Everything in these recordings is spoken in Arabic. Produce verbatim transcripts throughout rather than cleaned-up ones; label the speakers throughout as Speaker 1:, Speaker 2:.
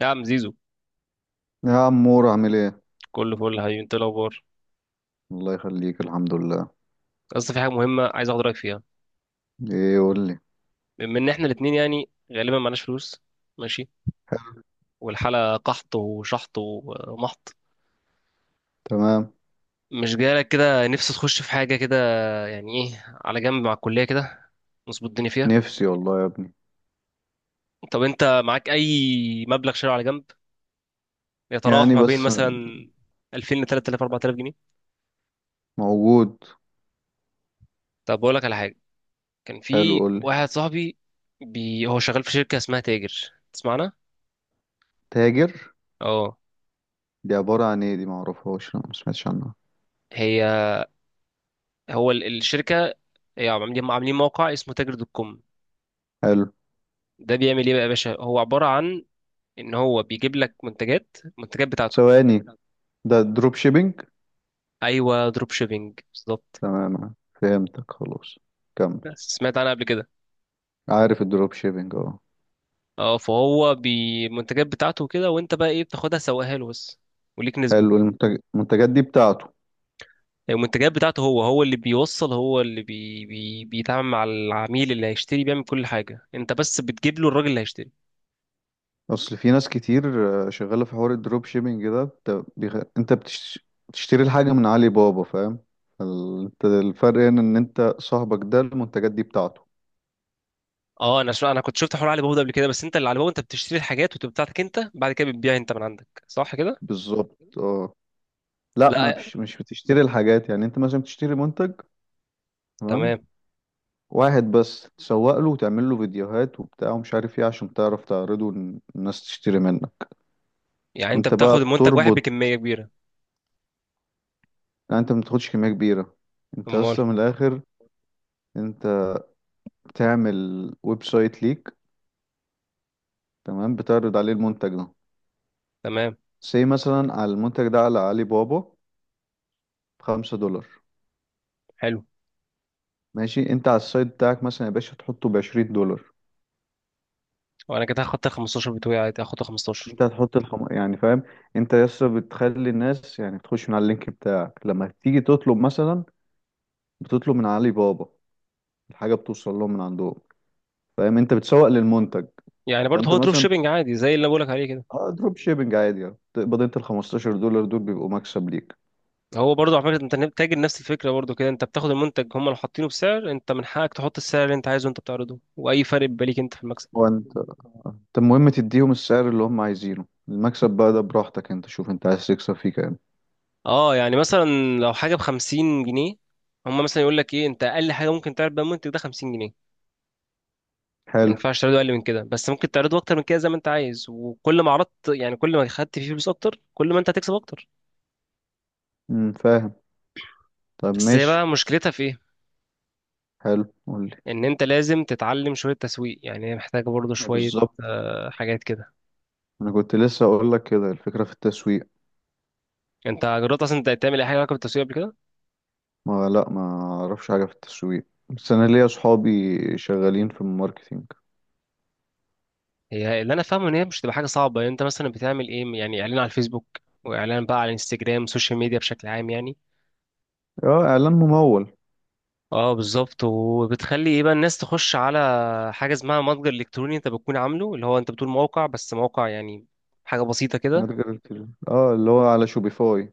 Speaker 1: يا عم زيزو،
Speaker 2: يا عمور، عامل ايه؟
Speaker 1: كله فل يا حبيبي. انت إيه الاخبار؟
Speaker 2: الله يخليك، الحمد لله.
Speaker 1: اصل في حاجه مهمه عايز اخد رايك فيها.
Speaker 2: ايه، قول لي.
Speaker 1: بما ان احنا الاثنين يعني غالبا معناش فلوس، ماشي، والحاله قحط وشحط ومحط.
Speaker 2: تمام.
Speaker 1: مش جايلك كده نفسي تخش في حاجه كده، يعني ايه على جنب مع الكليه كده، نظبط الدنيا فيها؟
Speaker 2: نفسي والله يا ابني.
Speaker 1: طب انت معاك اي مبلغ شهري على جنب، يتراوح
Speaker 2: يعني
Speaker 1: ما بين
Speaker 2: بس.
Speaker 1: مثلا ألفين ل تلت تلاف، اربعة آلاف جنيه؟
Speaker 2: موجود.
Speaker 1: طب بقول لك على حاجه. كان
Speaker 2: حلو،
Speaker 1: في
Speaker 2: قول
Speaker 1: واحد
Speaker 2: لي.
Speaker 1: صاحبي بي... هو شغال في شركه اسمها تاجر، تسمعنا؟
Speaker 2: تاجر.
Speaker 1: اه.
Speaker 2: دي عبارة عن ايه؟ دي معرفهاش، لا، ما سمعتش عنها.
Speaker 1: هي هو ال- الشركه هي عاملين عاملين موقع اسمه تاجر دوت كوم.
Speaker 2: حلو.
Speaker 1: ده بيعمل ايه بقى يا باشا؟ هو عباره عن ان هو بيجيب لك منتجات، المنتجات بتاعته.
Speaker 2: ثواني. ده دروب شيبينج.
Speaker 1: ايوه، دروب شيبينج بالظبط.
Speaker 2: تمام، فهمتك، خلاص كمل.
Speaker 1: سمعت عنها قبل كده.
Speaker 2: عارف الدروب شيبينج، اه.
Speaker 1: اه، فهو بالمنتجات بتاعته كده، وانت بقى ايه؟ بتاخدها سواها له بس، وليك نسبه.
Speaker 2: حلو. المنتج... المنتجات دي بتاعته.
Speaker 1: المنتجات بتاعته، هو هو اللي بيوصل، هو اللي بي بي بيتعامل مع العميل اللي هيشتري، بيعمل كل حاجه. انت بس بتجيب له الراجل اللي هيشتري.
Speaker 2: اصل في ناس كتير. آه، شغاله في حوار الدروب شيبينج ده. بت- بيخ... انت بتش... بتشتري الحاجه من علي بابا، فاهم؟ ال- انت الفرق هنا ان انت صاحبك ده المنتجات دي بتاعته.
Speaker 1: اه، انا شو انا كنت شفت حوار علي بابا ده قبل كده، بس انت اللي علي بابا انت بتشتري الحاجات وتبقى بتاعتك انت، بعد كده بتبيع انت من عندك، صح كده؟
Speaker 2: بالظبط، اه. لا، ما
Speaker 1: لا،
Speaker 2: بش... مش بتشتري الحاجات، يعني انت مثلا بتشتري منتج. تمام.
Speaker 1: تمام.
Speaker 2: واحد بس تسوق له وتعمل له فيديوهات وبتاع ومش عارف ايه، عشان تعرف تعرضه إن الناس تشتري منك.
Speaker 1: يعني انت
Speaker 2: انت بقى
Speaker 1: بتاخد المنتج واحد
Speaker 2: بتربط.
Speaker 1: بكميه كبيره؟
Speaker 2: يعني انت ما بتاخدش كميه كبيره. انت
Speaker 1: امال.
Speaker 2: اصلا من الاخر. انت بتعمل ويب سايت ليك. تمام، بتعرض عليه المنتج ده.
Speaker 1: تمام،
Speaker 2: سي مثلا على المنتج ده على علي بابا بخمسة دولار.
Speaker 1: حلو،
Speaker 2: ماشي، انت على السايت بتاعك مثلا يا باشا تحطه بعشرين دولار.
Speaker 1: وانا كده هاخد خمستاشر بتوعي، عادي هاخد خمسة عشر.
Speaker 2: انت هتحط الخم... يعني فاهم. انت لسه بتخلي الناس يعني تخش من على اللينك بتاعك، لما تيجي تطلب مثلا بتطلب من علي بابا، الحاجة بتوصل لهم من عندهم. فاهم؟ انت بتسوق للمنتج.
Speaker 1: يعني برضه
Speaker 2: فانت
Speaker 1: هو دروب
Speaker 2: مثلا.
Speaker 1: شيبنج عادي زي اللي بقولك عليه كده.
Speaker 2: اه، دروب شيبنج عادي، يعني تقبض انت ال خمسة عشر دولار دول بيبقوا مكسب ليك.
Speaker 1: هو برضه على فكره انت تاجر، نفس الفكره برضه كده. انت بتاخد المنتج، هم اللي حاطينه بسعر، انت من حقك تحط السعر اللي انت عايزه. انت بتعرضه، واي فرق بيبقى ليك انت في المكسب.
Speaker 2: وانت انت المهم تديهم السعر اللي هم عايزينه، المكسب بقى ده براحتك، انت شوف انت عايز تكسب فيه كام.
Speaker 1: اه يعني مثلا، لو حاجه ب خمسين جنيه، هم مثلا يقول لك ايه، انت اقل حاجه ممكن تعرض بيها المنتج ده خمسين جنيه. ما
Speaker 2: حلو.
Speaker 1: ينفعش تعرضه اقل من كده، بس ممكن تعرضه اكتر من كده زي ما انت عايز. وكل ما عرضت، يعني كل ما خدت فيه فلوس اكتر، كل ما انت هتكسب اكتر.
Speaker 2: امم فاهم. طب
Speaker 1: بس هي
Speaker 2: ماشي.
Speaker 1: بقى مشكلتها في ايه؟
Speaker 2: حلو، قولي.
Speaker 1: ان انت لازم تتعلم شويه تسويق، يعني هي محتاجه برضه
Speaker 2: اه
Speaker 1: شويه
Speaker 2: بالظبط.
Speaker 1: آه، حاجات كده.
Speaker 2: انا كنت لسه اقول لك كده، الفكرة في التسويق.
Speaker 1: انت جربت اصلا انت تعمل اي حاجه علاقه بالتسويق قبل كده؟
Speaker 2: ما لا ما اعرفش حاجة في التسويق، بس انا ليا اصحابي شغالين في الماركتينج.
Speaker 1: هي اللي انا فاهمه ان هي مش تبقى حاجه صعبه. يعني انت مثلا بتعمل ايه؟ يعني اعلان على الفيسبوك، واعلان بقى على الانستجرام، سوشيال ميديا بشكل عام يعني.
Speaker 2: اه، اعلان ممول.
Speaker 1: اه بالظبط. وبتخلي ايه بقى الناس تخش على حاجه اسمها متجر الكتروني، انت بتكون عامله، اللي هو انت بتقول موقع، بس موقع يعني حاجه بسيطه كده.
Speaker 2: متجر التليفون، اه، اللي هو على شوبيفاي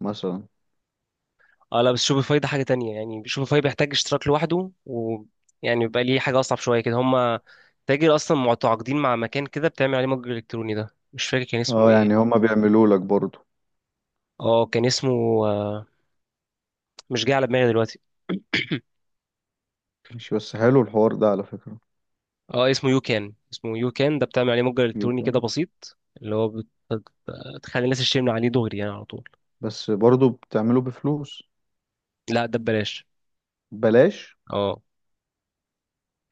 Speaker 2: مثلا.
Speaker 1: اه لا، بس شوبيفاي ده حاجه تانية. يعني شوبيفاي بيحتاج اشتراك لوحده، ويعني بيبقى ليه حاجه اصعب شويه كده. هما تاجر اصلا متعاقدين مع مكان كده بتعمل عليه متجر الكتروني، ده مش فاكر كان اسمه
Speaker 2: اه،
Speaker 1: ايه.
Speaker 2: يعني هما بيعملوا لك برضه.
Speaker 1: اه كان اسمه، آه، مش جاي على دماغي دلوقتي.
Speaker 2: مش بس، حلو الحوار ده على فكرة.
Speaker 1: اه، اسمه يو كان، اسمه يو كان. ده بتعمل عليه متجر الكتروني كده
Speaker 2: يمكن.
Speaker 1: بسيط، اللي هو بت- بتخلي الناس تشتري من عليه دغري يعني على طول.
Speaker 2: بس برضه بتعمله بفلوس؟
Speaker 1: لا ده ببلاش.
Speaker 2: بلاش.
Speaker 1: اه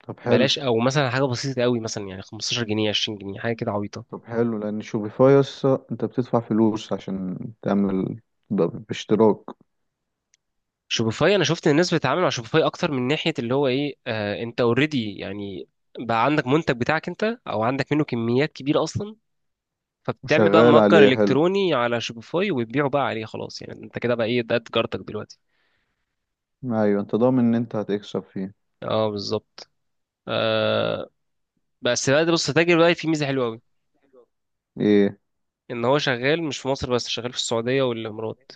Speaker 2: طب حلو.
Speaker 1: بلاش، او مثلا حاجه بسيطه قوي مثلا يعني خمستاشر جنيه، عشرين جنيه، حاجه كده عبيطه.
Speaker 2: طب حلو، لان شوبيفاي يسا انت بتدفع فلوس عشان تعمل، ده باشتراك.
Speaker 1: شوبيفاي، انا شفت ان الناس بتتعامل مع شوبيفاي اكتر من ناحيه اللي هو ايه، آه انت اوريدي يعني بقى عندك منتج بتاعك انت، او عندك منه كميات كبيره اصلا. فبتعمل بقى
Speaker 2: وشغال
Speaker 1: متجر
Speaker 2: عليه، حلو.
Speaker 1: الكتروني على شوبيفاي وتبيعه بقى عليه خلاص، يعني انت كده بقى ايه، ده تجارتك دلوقتي.
Speaker 2: ايوه، انت ضامن ان انت هتكسب فيه.
Speaker 1: اه بالظبط. آه. بس بقى ده بص، تاجر بقى في ميزه حلوه قوي.
Speaker 2: ايه؟
Speaker 1: ان هو شغال مش في مصر بس، شغال في السعوديه والامارات.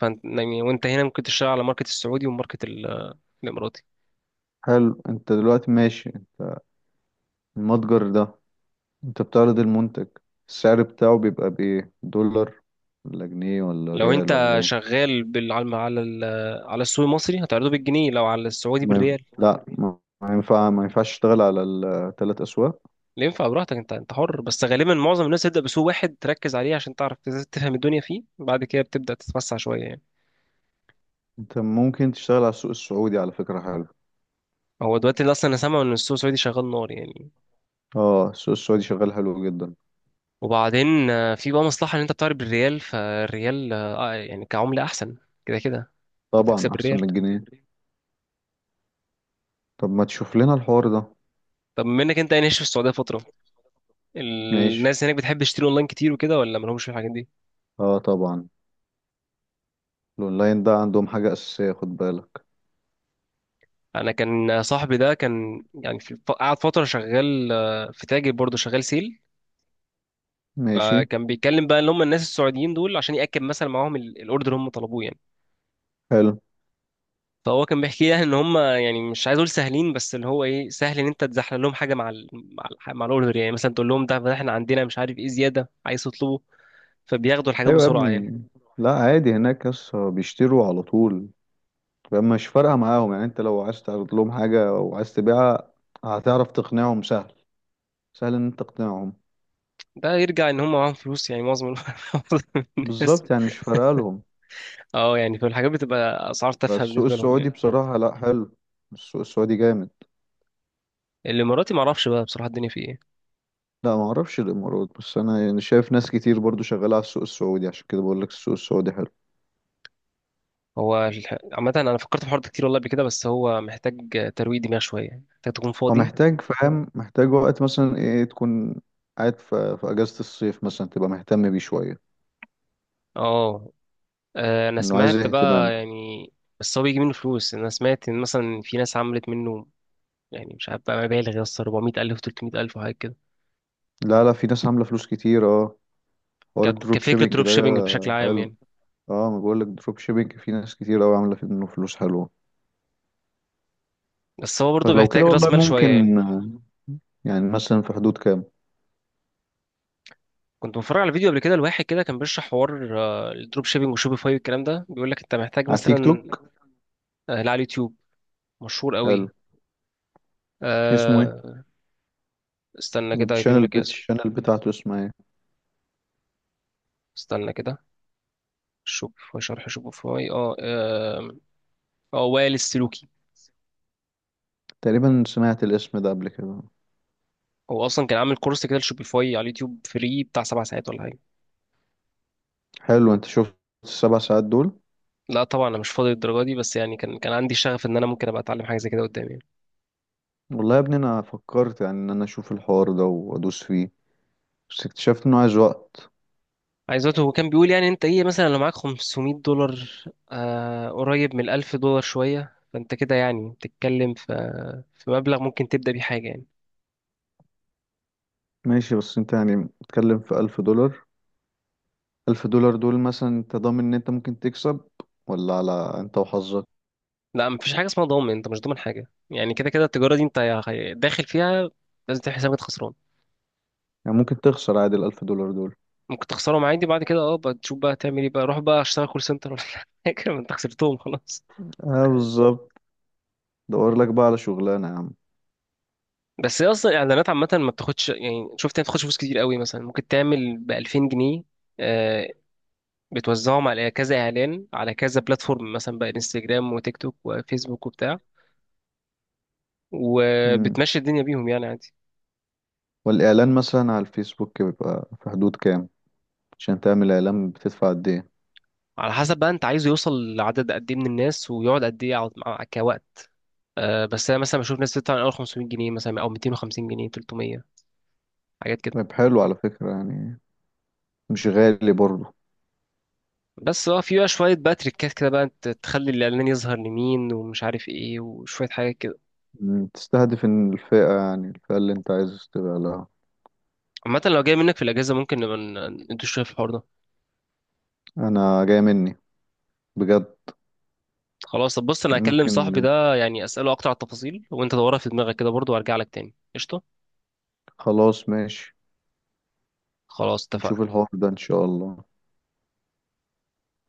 Speaker 1: فانت يعني وانت هنا ممكن تشتغل على ماركت السعودي وماركت ال- الاماراتي.
Speaker 2: حلو. انت دلوقتي ماشي المتجر ده، انت بتعرض المنتج، السعر بتاعه بيبقى بايه؟ دولار ولا جنيه ولا
Speaker 1: لو
Speaker 2: ريال
Speaker 1: انت
Speaker 2: ولا ايه؟
Speaker 1: شغال بال... على الم- على ال- على السوق المصري هتعرضه بالجنيه، لو على السعودي
Speaker 2: ما ينف...
Speaker 1: بالريال.
Speaker 2: لا، ما ما ينفع ما ينفعش تشتغل على الثلاث اسواق.
Speaker 1: اللي ينفع براحتك انت، انت حر. بس غالبا معظم الناس تبدا بسوق واحد تركز عليه عشان تعرف تز- تفهم الدنيا فيه، بعد كده بتبدا تتوسع شويه يعني.
Speaker 2: انت ممكن تشتغل على السوق السعودي، على فكرة، حلو.
Speaker 1: هو دلوقتي اللي اصلا انا سامع ان السوق السعودي شغال نار يعني.
Speaker 2: اه، السوق السعودي شغال حلو جدا.
Speaker 1: وبعدين آه، في بقى مصلحه ان انت بتعرض بالريال. فالريال آه، يعني كعمله احسن كده كده، بتكسب
Speaker 2: طبعا احسن
Speaker 1: الريال.
Speaker 2: من الجنيه. طب ما تشوف لنا الحوار ده.
Speaker 1: طب منك انت، يعني عايش في السعوديه فتره،
Speaker 2: ماشي.
Speaker 1: الناس هناك بتحب تشتري اونلاين كتير وكده، ولا مالهمش في الحاجات دي؟
Speaker 2: اه طبعا، الاونلاين ده عندهم حاجة أساسية، خد بالك.
Speaker 1: انا كان صاحبي ده كان يعني في الف- قعد فتره شغال آه، في تاجر برضه شغال سيل.
Speaker 2: ماشي.
Speaker 1: فكان بيتكلم بقى ان هم الناس السعوديين دول عشان ياكد مثلا معاهم ال- الاوردر اللي هم طلبوه يعني.
Speaker 2: حلو.
Speaker 1: فهو كان بيحكي يعني ان هم، يعني مش عايز اقول سهلين بس اللي هو ايه، سهل ان انت تزحلق لهم حاجه مع ال... مع, ال... مع الاوردر، يعني مثلا تقول لهم ده ده احنا عندنا مش عارف ايه زياده عايز تطلبه، فبياخدوا الحاجات
Speaker 2: ايوه يا
Speaker 1: بسرعه يعني.
Speaker 2: ابني. لا، عادي، هناك يس بيشتروا على طول. فما مش فارقة معاهم، يعني انت لو عايز تعرض لهم حاجة او عايز تبيعها هتعرف تقنعهم سهل. سهل ان انت تقنعهم.
Speaker 1: ده يرجع ان هم معاهم فلوس يعني معظم ال- معظم الناس.
Speaker 2: بالظبط، يعني مش فارقة لهم.
Speaker 1: اه يعني، فالحاجات بتبقى اسعار
Speaker 2: بس
Speaker 1: تافهه
Speaker 2: السوق
Speaker 1: بالنسبه لهم
Speaker 2: السعودي
Speaker 1: يعني.
Speaker 2: بصراحة، لا، حلو. السوق السعودي جامد.
Speaker 1: الاماراتي معرفش بقى بصراحه الدنيا فيه ايه.
Speaker 2: لا، ما اعرفش الامارات، بس انا يعني شايف ناس كتير برضو شغالة على السوق السعودي، عشان كده بقول لك السوق السعودي حلو.
Speaker 1: هو الح- عامة أنا فكرت في الحوار ده كتير والله قبل كده، بس هو محتاج ترويق دماغ شوية، محتاج تكون
Speaker 2: هو
Speaker 1: فاضي.
Speaker 2: محتاج، فاهم، محتاج وقت مثلا، ايه، تكون قاعد في, في اجازة الصيف مثلا، تبقى مهتم بيه شوية.
Speaker 1: اه. آه، أنا
Speaker 2: انه عايز
Speaker 1: سمعت
Speaker 2: اهتمام.
Speaker 1: بقى يعني، بس هو بيجي منه فلوس. أنا سمعت إن مثلا في ناس عملت منه، يعني مش عارف بقى، مبالغ يا اسطى اربعمية الف، تلتمية الف وحاجات كده.
Speaker 2: لا لا، في ناس عاملة فلوس كتير، اه. حوار
Speaker 1: ك-
Speaker 2: الدروب
Speaker 1: كفكرة،
Speaker 2: شيبينج
Speaker 1: دروب
Speaker 2: ده.
Speaker 1: شيبينج بشكل عام
Speaker 2: حلو.
Speaker 1: يعني.
Speaker 2: اه، ما بقول لك، دروب شيبينج في ناس كتير قوي عاملة منه فلوس حلوة.
Speaker 1: بس هو برضه
Speaker 2: فلو كده
Speaker 1: بيحتاج رأس
Speaker 2: والله
Speaker 1: مال شوية يعني.
Speaker 2: ممكن آه، يعني مثلا في حدود كام؟
Speaker 1: كنت بتفرج على فيديو قبل كده لواحد كده كان بيشرح حوار آه، الدروب شيبينج وشوبيفاي والكلام ده، بيقول لك أنت محتاج
Speaker 2: على تيك
Speaker 1: مثلا.
Speaker 2: توك؟
Speaker 1: آه، لا، على اليوتيوب. مشهور
Speaker 2: حلو.
Speaker 1: قوي.
Speaker 2: اسمه ايه؟
Speaker 1: آه، استنى كده أجيب
Speaker 2: والشانل
Speaker 1: لك.
Speaker 2: بت الشانل بتاعته اسمها ايه؟
Speaker 1: استنى كده. شوبيفاي، شرح شوبيفاي. اه، آم، اه وائل السلوكي.
Speaker 2: تقريبا سمعت الاسم ده قبل كده.
Speaker 1: هو اصلا كان عامل كورس كده لشوبيفاي على اليوتيوب فري بتاع سبع ساعات ولا حاجه.
Speaker 2: حلو، انت شفت السبع ساعات دول؟
Speaker 1: لا طبعا انا مش فاضي للدرجه دي، بس يعني كان كان عندي شغف ان انا ممكن ابقى اتعلم حاجه زي كده قدام يعني.
Speaker 2: والله يا ابني انا فكرت، يعني ان انا اشوف الحوار ده وادوس فيه، بس اكتشفت انه عايز وقت.
Speaker 1: عايز دلوقتي، هو كان بيقول يعني انت ايه مثلا، لو معاك خمسمية دولار آه قريب من الف دولار شويه، فانت كده يعني بتتكلم في في مبلغ ممكن تبدا بيه حاجه يعني.
Speaker 2: ماشي، بس انت يعني بتتكلم في الف دولار. الف دولار دول مثلا انت ضامن ان انت ممكن تكسب، ولا على، انت وحظك؟
Speaker 1: لا مفيش حاجه اسمها ضامن، انت مش ضامن حاجه. يعني كده كده التجاره دي انت يا- داخل فيها، لازم تعمل حسابك خسران.
Speaker 2: يعني ممكن تخسر عادي الالف دولار دول.
Speaker 1: ممكن تخسرهم عادي، بعد كده اه بقى تشوف بقى تعمل ايه بقى، روح بقى اشتغل كول سنتر ولا حاجه ما انت خسرتهم خلاص.
Speaker 2: اه بالظبط. دور لك بقى على شغلانة يا عم.
Speaker 1: بس هي اصلا الاعلانات عامه ما بتاخدش يعني، شفت هي بتاخدش فلوس كتير قوي. مثلا ممكن تعمل ب ألفين جنيه، آه، بتوزعهم على كذا اعلان على كذا بلاتفورم مثلا بقى، انستجرام وتيك توك وفيسبوك وبتاع،
Speaker 2: مم.
Speaker 1: وبتمشي الدنيا بيهم يعني عادي.
Speaker 2: والاعلان مثلا على الفيسبوك بيبقى في حدود كام؟ عشان تعمل اعلان بتدفع قد ايه؟
Speaker 1: على حسب بقى انت عايزه يوصل لعدد قد ايه من الناس، ويقعد قد ايه يقعد مع- كوقت. آه، بس انا مثلا بشوف ناس بتدفع من اول خمسمية جنيه، مثلا او ميتين وخمسين جنيه، تلتمية حاجات كده.
Speaker 2: طيب، حلو على فكرة، يعني مش غالي برضه.
Speaker 1: بس اه في بقى شوية بقى تريكات كده بقى، انت تخلي الإعلان يظهر لمين ومش عارف ايه وشوية حاجات كده.
Speaker 2: مم. تستهدف إن الفئة يعني الفئة اللي انت عايز تبقى لها.
Speaker 1: عامة لو جاي منك في الأجازة، ممكن نبقى ن- ندوس شوية في الحوار ده.
Speaker 2: انا جاي مني، بجد.
Speaker 1: خلاص، طب بص أنا
Speaker 2: يعني خلاص،
Speaker 1: هكلم
Speaker 2: ممكن
Speaker 1: صاحبي
Speaker 2: عليا.
Speaker 1: ده يعني أسأله أكتر على التفاصيل، وأنت دورها في دماغك كده برضه، وأرجع لك تاني. قشطة.
Speaker 2: خلاص، ماشي.
Speaker 1: خلاص
Speaker 2: نشوف
Speaker 1: اتفقنا.
Speaker 2: الحوار ده ان شاء الله.